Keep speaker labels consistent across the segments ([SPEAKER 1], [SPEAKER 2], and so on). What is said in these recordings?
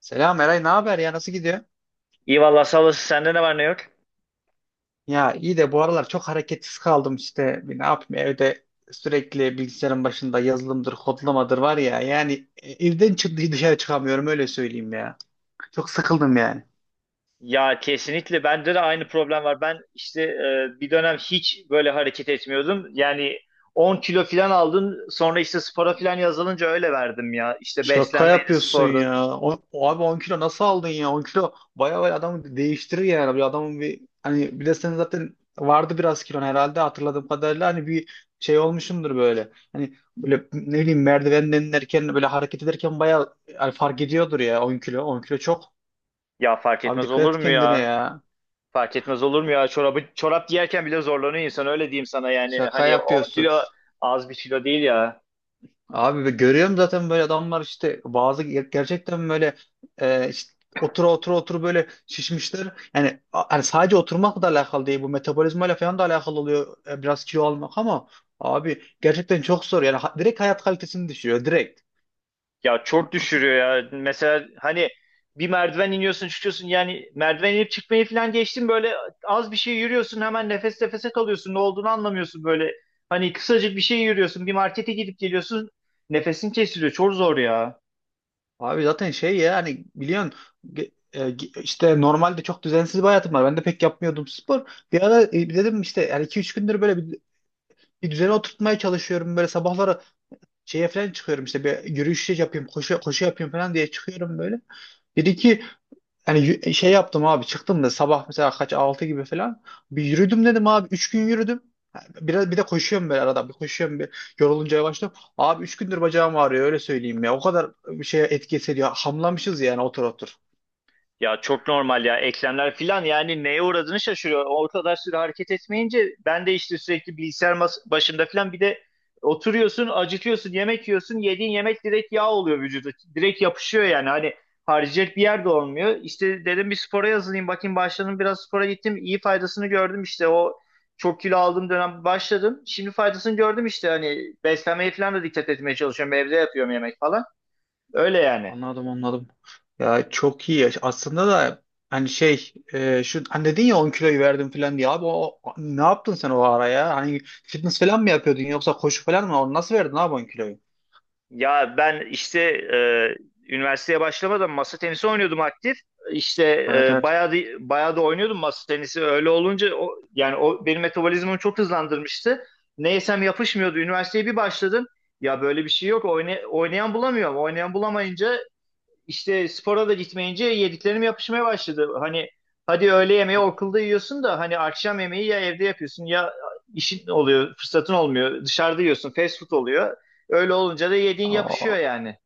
[SPEAKER 1] Selam Eray, ne haber ya? Nasıl gidiyor?
[SPEAKER 2] İyi valla sağolasın. Sende ne var ne yok?
[SPEAKER 1] Ya iyi de bu aralar çok hareketsiz kaldım işte. Ne yapayım evde sürekli bilgisayarın başında yazılımdır, kodlamadır var ya. Yani evden çıktı dışarı çıkamıyorum öyle söyleyeyim ya. Çok sıkıldım yani.
[SPEAKER 2] Ya kesinlikle bende de aynı problem var. Ben işte bir dönem hiç böyle hareket etmiyordum. Yani 10 kilo falan aldım. Sonra işte spora falan yazılınca öyle verdim ya. İşte
[SPEAKER 1] Şaka
[SPEAKER 2] beslenmeydi,
[SPEAKER 1] yapıyorsun
[SPEAKER 2] spordu.
[SPEAKER 1] ya. O abi 10 kilo nasıl aldın ya? 10 kilo bayağı bayağı adamı değiştirir yani. Bir adamın bir hani bir de senin zaten vardı biraz kilon herhalde hatırladığım kadarıyla hani bir şey olmuşumdur böyle. Hani böyle ne bileyim merdivenden inerken böyle hareket ederken bayağı yani fark ediyordur ya 10 kilo. 10 kilo çok.
[SPEAKER 2] Ya fark
[SPEAKER 1] Abi
[SPEAKER 2] etmez
[SPEAKER 1] dikkat
[SPEAKER 2] olur
[SPEAKER 1] et
[SPEAKER 2] mu
[SPEAKER 1] kendine
[SPEAKER 2] ya?
[SPEAKER 1] ya.
[SPEAKER 2] Fark etmez olur mu ya? Çorap giyerken bile zorlanıyor insan öyle diyeyim sana yani.
[SPEAKER 1] Şaka
[SPEAKER 2] Hani 10
[SPEAKER 1] yapıyorsun.
[SPEAKER 2] kilo az bir kilo değil ya.
[SPEAKER 1] Abi ben görüyorum zaten böyle adamlar işte bazı gerçekten böyle işte otura otura böyle şişmişler. Yani sadece oturmakla da alakalı değil, bu metabolizmayla falan da alakalı oluyor biraz kilo almak. Ama abi gerçekten çok zor yani, direkt hayat kalitesini düşürüyor, direkt.
[SPEAKER 2] Ya çok düşürüyor ya. Mesela hani bir merdiven iniyorsun çıkıyorsun yani merdiven inip çıkmayı falan geçtim böyle az bir şey yürüyorsun hemen nefes nefese kalıyorsun ne olduğunu anlamıyorsun böyle. Hani kısacık bir şey yürüyorsun bir markete gidip geliyorsun nefesin kesiliyor çok zor ya.
[SPEAKER 1] Abi zaten şey ya, hani biliyorsun işte normalde çok düzensiz bir hayatım var. Ben de pek yapmıyordum spor. Bir ara dedim işte yani iki üç gündür böyle bir düzene oturtmaya çalışıyorum. Böyle sabahları şeye falan çıkıyorum işte, bir yürüyüş yapayım, koşu yapayım falan diye çıkıyorum böyle. Bir iki hani şey yaptım abi, çıktım da sabah mesela kaç, 6 gibi falan. Bir yürüdüm, dedim abi 3 gün yürüdüm. Biraz bir de koşuyorum böyle, arada bir koşuyorum, bir yorulunca yavaşlıyorum. Abi 3 gündür bacağım ağrıyor, öyle söyleyeyim ya. O kadar bir şeye etki ediyor. Hamlamışız yani, otur otur.
[SPEAKER 2] Ya çok normal ya eklemler filan yani neye uğradığını şaşırıyor. O kadar süre hareket etmeyince ben de işte sürekli bilgisayar başında filan bir de oturuyorsun acıkıyorsun yemek yiyorsun yediğin yemek direkt yağ oluyor vücuda. Direkt yapışıyor yani hani harcayacak bir yer de olmuyor. İşte dedim bir spora yazılayım bakayım başladım biraz spora gittim iyi faydasını gördüm işte o çok kilo aldığım dönem başladım. Şimdi faydasını gördüm işte hani beslenmeye falan da dikkat etmeye çalışıyorum evde yapıyorum yemek falan öyle yani.
[SPEAKER 1] Anladım anladım. Ya çok iyi ya. Aslında da hani şey şu hani dedin ya, 10 kiloyu verdim falan diye, abi ne yaptın sen o ara ya? Hani fitness falan mı yapıyordun yoksa koşu falan mı? Onu nasıl verdin abi 10 kiloyu?
[SPEAKER 2] Ya ben işte üniversiteye başlamadan masa tenisi oynuyordum aktif. İşte
[SPEAKER 1] Evet evet.
[SPEAKER 2] bayağı da oynuyordum masa tenisi. Öyle olunca yani o benim metabolizmamı çok hızlandırmıştı. Ne yesem yapışmıyordu. Üniversiteye bir başladım. Ya böyle bir şey yok. Oynayan bulamıyorum. Oynayan bulamayınca işte spora da gitmeyince yediklerim yapışmaya başladı. Hani hadi öğle yemeği okulda yiyorsun da hani akşam yemeği ya evde yapıyorsun ya işin oluyor, fırsatın olmuyor. Dışarıda yiyorsun, fast food oluyor. Öyle olunca da yediğin yapışıyor
[SPEAKER 1] O,
[SPEAKER 2] yani.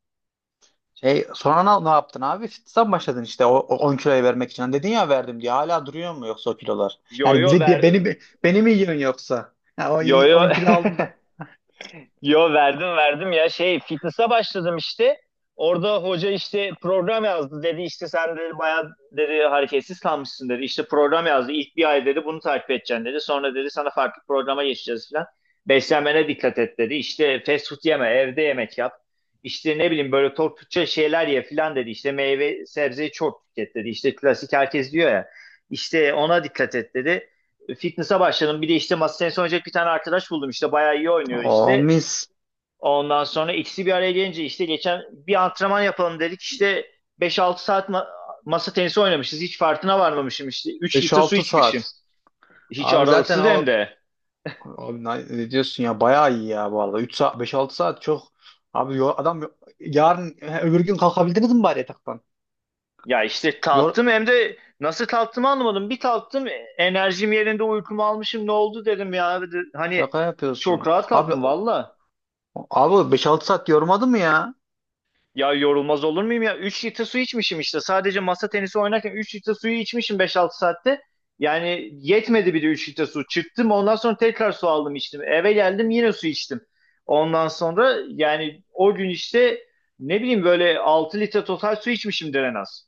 [SPEAKER 1] şey sonra ne yaptın abi? Fitness'a mı başladın işte o 10 kiloyu vermek için? Hani dedin ya verdim diye, hala duruyor mu yoksa o kilolar?
[SPEAKER 2] Yo
[SPEAKER 1] Yani
[SPEAKER 2] yo
[SPEAKER 1] bize diye,
[SPEAKER 2] ver.
[SPEAKER 1] beni mi yiyorsun yoksa? Ya o
[SPEAKER 2] Yo yo.
[SPEAKER 1] on kilo aldım da.
[SPEAKER 2] Yo verdim ya şey fitness'a başladım işte. Orada hoca işte program yazdı dedi işte sen dedi bayağı dedi hareketsiz kalmışsın dedi. İşte program yazdı ilk bir ay dedi bunu takip edeceksin dedi. Sonra dedi sana farklı programa geçeceğiz falan. Beslenmene dikkat et dedi. İşte fast food yeme evde yemek yap. İşte ne bileyim böyle tok Türkçe şeyler ye falan dedi. İşte meyve sebzeyi çok tüket dedi. İşte klasik herkes diyor ya. İşte ona dikkat et dedi fitness'a başladım. Bir de işte masa tenisi oynayacak bir tane arkadaş buldum. İşte bayağı iyi oynuyor
[SPEAKER 1] O
[SPEAKER 2] işte.
[SPEAKER 1] mis.
[SPEAKER 2] Ondan sonra ikisi bir araya gelince işte geçen bir antrenman yapalım dedik. İşte 5-6 saat masa tenisi oynamışız. Hiç farkına varmamışım işte. üç
[SPEAKER 1] Beş
[SPEAKER 2] litre su
[SPEAKER 1] altı
[SPEAKER 2] içmişim.
[SPEAKER 1] saat.
[SPEAKER 2] Hiç
[SPEAKER 1] Abi zaten
[SPEAKER 2] aralıksız hem
[SPEAKER 1] o
[SPEAKER 2] de.
[SPEAKER 1] Abi ne diyorsun ya, bayağı iyi ya vallahi, 3 saat, 5-6 saat çok. Abi yarın he, öbür gün kalkabildiniz mi bari yataktan?
[SPEAKER 2] Ya işte
[SPEAKER 1] Yor,
[SPEAKER 2] kalktım hem de nasıl kalktığımı anlamadım. Bir kalktım enerjim yerinde uykumu almışım ne oldu dedim ya. Hani
[SPEAKER 1] yaka
[SPEAKER 2] çok
[SPEAKER 1] yapıyorsun.
[SPEAKER 2] rahat
[SPEAKER 1] Abi
[SPEAKER 2] kalktım valla.
[SPEAKER 1] abi 5-6 saat yormadı mı ya?
[SPEAKER 2] Ya yorulmaz olur muyum ya? 3 litre su içmişim işte. Sadece masa tenisi oynarken 3 litre suyu içmişim 5-6 saatte. Yani yetmedi bir de 3 litre su. Çıktım ondan sonra tekrar su aldım içtim. Eve geldim yine su içtim. Ondan sonra yani o gün işte ne bileyim böyle 6 litre total su içmişimdir en az.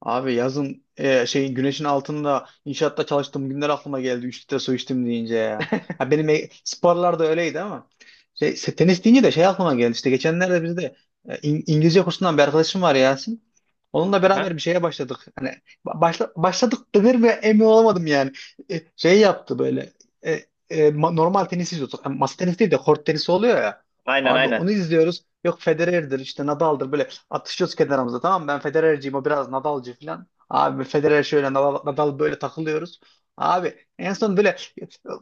[SPEAKER 1] Abi yazın şey güneşin altında inşaatta çalıştığım günler aklıma geldi. Üç litre su içtim deyince ya. Ha benim sporlar da öyleydi ama şey, tenis deyince de şey aklıma geldi. İşte geçenlerde bizde İngilizce kursundan bir arkadaşım var, Yasin. Onunla
[SPEAKER 2] Aha.
[SPEAKER 1] beraber bir şeye başladık. Hani başladık denir mi emin olamadım yani. Şey yaptı böyle. e, Normal tenis izliyorduk. Yani masa tenisi değil de kort tenisi oluyor ya.
[SPEAKER 2] Aynen
[SPEAKER 1] Abi
[SPEAKER 2] aynen.
[SPEAKER 1] onu izliyoruz. Yok Federer'dir işte, Nadal'dır böyle, atışıyoruz kenarımıza, tamam mı? Ben Federer'ciyim, o biraz Nadal'cı falan. Abi Federer şöyle, Nadal, Nadal böyle, takılıyoruz. Abi en son böyle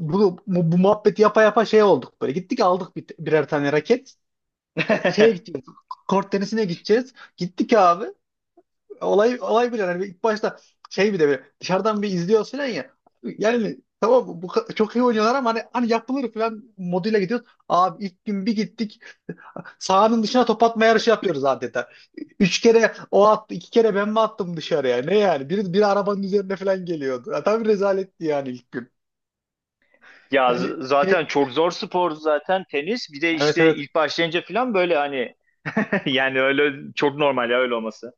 [SPEAKER 1] bu muhabbeti yapa yapa şey olduk böyle. Gittik aldık birer tane raket. Şeye gideceğiz. Kort tenisine gideceğiz. Gittik abi. Olay olay bile yani ilk başta, şey bir de böyle dışarıdan bir izliyoruz falan ya. Yani tamam, çok iyi oynuyorlar ama hani yapılır falan moduyla gidiyoruz. Abi ilk gün bir gittik. Sahanın dışına top atma yarışı yapıyoruz adeta. Üç kere o attı, iki kere ben mi attım dışarıya? Ne yani? Bir arabanın üzerine falan geliyordu. Ya, tabii rezaletti yani ilk gün.
[SPEAKER 2] Ya
[SPEAKER 1] Yani
[SPEAKER 2] zaten
[SPEAKER 1] şey,
[SPEAKER 2] çok zor spor zaten tenis. Bir de
[SPEAKER 1] evet
[SPEAKER 2] işte
[SPEAKER 1] evet.
[SPEAKER 2] ilk başlayınca falan böyle hani yani öyle çok normal ya öyle olması.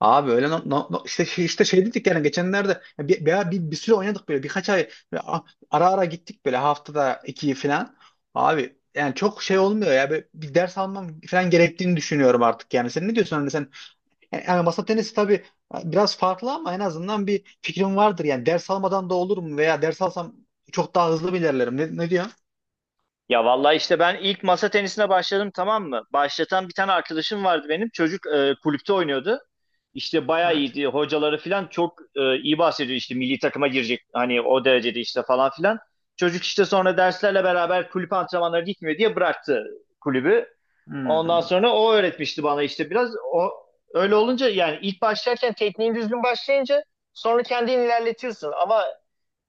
[SPEAKER 1] Abi öyle no, no- no- işte şey, dedik yani geçenlerde ya, bir süre oynadık böyle, birkaç ay böyle ara ara gittik böyle, haftada iki falan. Abi yani çok şey olmuyor ya. Böyle bir ders almam falan gerektiğini düşünüyorum artık yani. Sen ne diyorsun? Hani sen Yani masa tenisi tabii biraz farklı ama en azından bir fikrim vardır. Yani ders almadan da olur mu, veya ders alsam çok daha hızlı mı ilerlerim? Ne diyor?
[SPEAKER 2] Ya vallahi işte ben ilk masa tenisine başladım tamam mı? Başlatan bir tane arkadaşım vardı benim. Çocuk kulüpte oynuyordu. İşte bayağı
[SPEAKER 1] Evet.
[SPEAKER 2] iyiydi. Hocaları falan çok iyi bahsediyor işte milli takıma girecek. Hani o derecede işte falan filan. Çocuk işte sonra derslerle beraber kulüp antrenmanları gitmiyor diye bıraktı kulübü. Ondan
[SPEAKER 1] Hmm.
[SPEAKER 2] sonra o öğretmişti bana işte biraz. O öyle olunca yani ilk başlarken tekniğin düzgün başlayınca sonra kendin ilerletiyorsun. Ama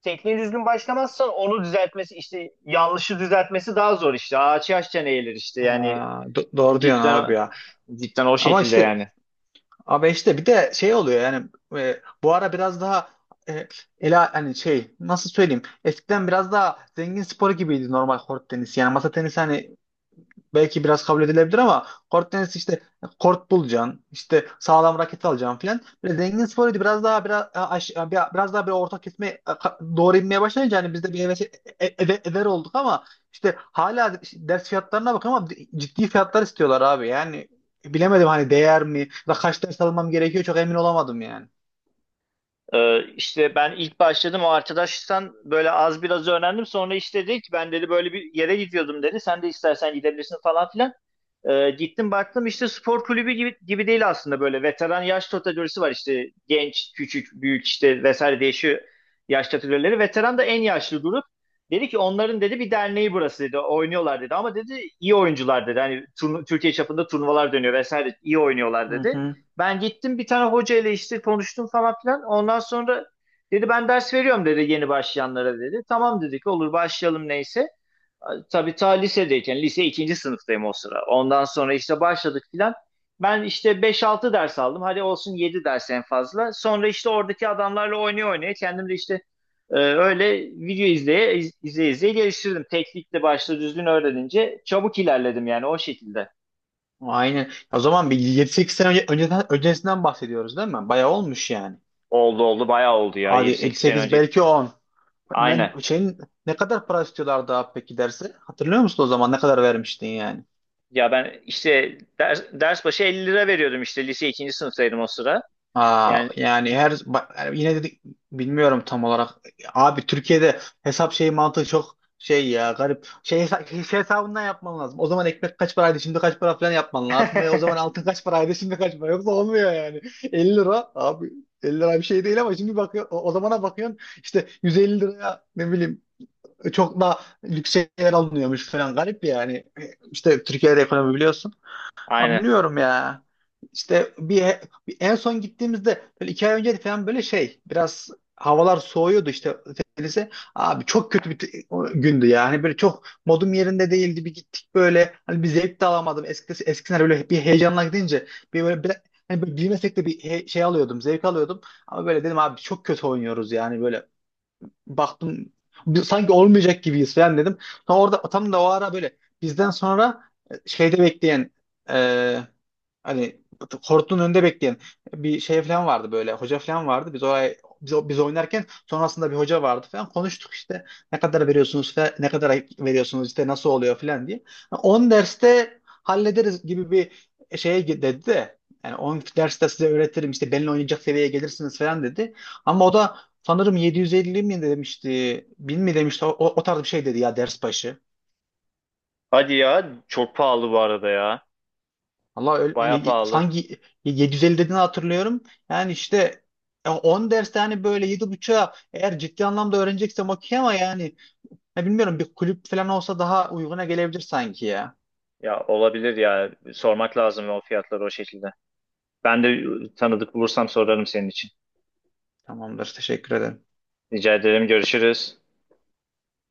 [SPEAKER 2] tekniği düzgün başlamazsan onu düzeltmesi işte yanlışı düzeltmesi daha zor işte. Ağaç yaşça eğilir işte yani
[SPEAKER 1] Aa, doğru diyorsun abi
[SPEAKER 2] cidden
[SPEAKER 1] ya.
[SPEAKER 2] cidden o
[SPEAKER 1] Ama
[SPEAKER 2] şekilde
[SPEAKER 1] işte
[SPEAKER 2] yani.
[SPEAKER 1] abi, işte bir de şey oluyor yani, bu ara biraz daha, e, ela hani şey nasıl söyleyeyim, eskiden biraz daha zengin sporu gibiydi normal kort tenisi. Yani masa tenisi hani belki biraz kabul edilebilir ama kort tenisi işte, kort bulacaksın, işte sağlam raket alacaksın filan. Böyle zengin sporuydu. Biraz daha bir orta kesme, doğru inmeye başlayınca hani biz de bir heves, e- ever olduk. Ama işte hala ders fiyatlarına bak, ama ciddi fiyatlar istiyorlar abi. Yani bilemedim hani değer mi, ya da kaç ders almam gerekiyor, çok emin olamadım yani.
[SPEAKER 2] İşte ben ilk başladım o arkadaştan böyle az biraz öğrendim. Sonra işte dedi ki ben dedi böyle bir yere gidiyordum dedi. Sen de istersen gidebilirsin falan filan. Gittim baktım işte spor kulübü gibi değil aslında böyle veteran yaş kategorisi var işte genç, küçük, büyük işte vesaire değişiyor yaş kategorileri. Veteran da en yaşlı grup. Dedi ki onların dedi bir derneği burası dedi oynuyorlar dedi ama dedi iyi oyuncular dedi hani Türkiye çapında turnuvalar dönüyor vesaire iyi oynuyorlar
[SPEAKER 1] Hı
[SPEAKER 2] dedi.
[SPEAKER 1] hı.
[SPEAKER 2] Ben gittim bir tane hoca ile işte konuştum falan filan ondan sonra dedi ben ders veriyorum dedi yeni başlayanlara dedi. Tamam dedik olur başlayalım neyse. Tabii ta lisedeyken, lise ikinci sınıftayım o sıra. Ondan sonra işte başladık filan. Ben işte 5-6 ders aldım. Hadi olsun 7 ders en fazla. Sonra işte oradaki adamlarla oynaya oynaya kendim de işte öyle video izleye izleye geliştirdim. Teknikle başta düzgün öğrenince çabuk ilerledim yani o şekilde.
[SPEAKER 1] Aynen. O zaman bir yedi sekiz sene önce, önceden, öncesinden bahsediyoruz değil mi? Bayağı olmuş yani.
[SPEAKER 2] Oldu oldu bayağı oldu ya
[SPEAKER 1] Hadi
[SPEAKER 2] yedi
[SPEAKER 1] yedi
[SPEAKER 2] sekiz sene
[SPEAKER 1] sekiz,
[SPEAKER 2] önce.
[SPEAKER 1] belki 10. Ben
[SPEAKER 2] Aynen.
[SPEAKER 1] şeyin, ne kadar para istiyorlardı abi peki derse? Hatırlıyor musun, o zaman ne kadar vermiştin yani?
[SPEAKER 2] Ya ben işte ders başı 50 lira veriyordum işte lise ikinci sınıftaydım o sıra.
[SPEAKER 1] Aa,
[SPEAKER 2] Yani
[SPEAKER 1] yani her bak, yani yine dedik, bilmiyorum tam olarak. Abi Türkiye'de hesap şeyi mantığı çok şey ya, garip. Şey, şey hesabından yapman lazım. O zaman ekmek kaç paraydı, şimdi kaç para falan yapman lazım. Ve o zaman altın kaç paraydı, şimdi kaç para. Yoksa olmuyor yani. 50 lira, abi 50 lira bir şey değil ama şimdi bakıyor, o zamana bakıyorsun işte 150 liraya ne bileyim çok da lüks şeyler alınıyormuş falan, garip yani. İşte Türkiye'de ekonomi, biliyorsun. Ama
[SPEAKER 2] aynen.
[SPEAKER 1] biliyorum ya. İşte bir en son gittiğimizde böyle iki ay önce falan, böyle şey biraz havalar soğuyordu işte, denize. Abi çok kötü bir o gündü yani, böyle çok modum yerinde değildi, bir gittik böyle, hani bir zevk de alamadım. Eskisi, eskisine böyle bir heyecanla gidince, bir böyle bir, hani böyle bilmesek de bir şey alıyordum, zevk alıyordum, ama böyle dedim abi çok kötü oynuyoruz yani. Böyle baktım, sanki olmayacak gibiyiz falan dedim. Sonra orada tam da o ara, böyle bizden sonra şeyde bekleyen e, hani kortun önünde bekleyen bir şey falan vardı, böyle hoca falan vardı. Biz oraya biz oynarken sonrasında bir hoca vardı falan, konuştuk işte. Ne kadar veriyorsunuz falan, ne kadar veriyorsunuz işte, nasıl oluyor falan diye. 10 derste hallederiz gibi bir şeye dedi de, yani 10 derste size öğretirim, işte benimle oynayacak seviyeye gelirsiniz falan dedi. Ama o da sanırım 750 mi demişti, 1000 mi demişti, o tarz bir şey dedi ya ders başı.
[SPEAKER 2] Hadi ya çok pahalı bu arada ya.
[SPEAKER 1] Allah öyle- ye-
[SPEAKER 2] Baya
[SPEAKER 1] ye-
[SPEAKER 2] pahalı.
[SPEAKER 1] Sanki 750 dediğini hatırlıyorum. Yani işte 10 derste hani böyle 7,5'a, eğer ciddi anlamda öğreneceksem okey, ama yani ya bilmiyorum, bir kulüp falan olsa daha uyguna gelebilir sanki ya.
[SPEAKER 2] Ya olabilir ya. Sormak lazım o fiyatları o şekilde. Ben de tanıdık bulursam sorarım senin için.
[SPEAKER 1] Tamamdır. Teşekkür ederim.
[SPEAKER 2] Rica ederim. Görüşürüz.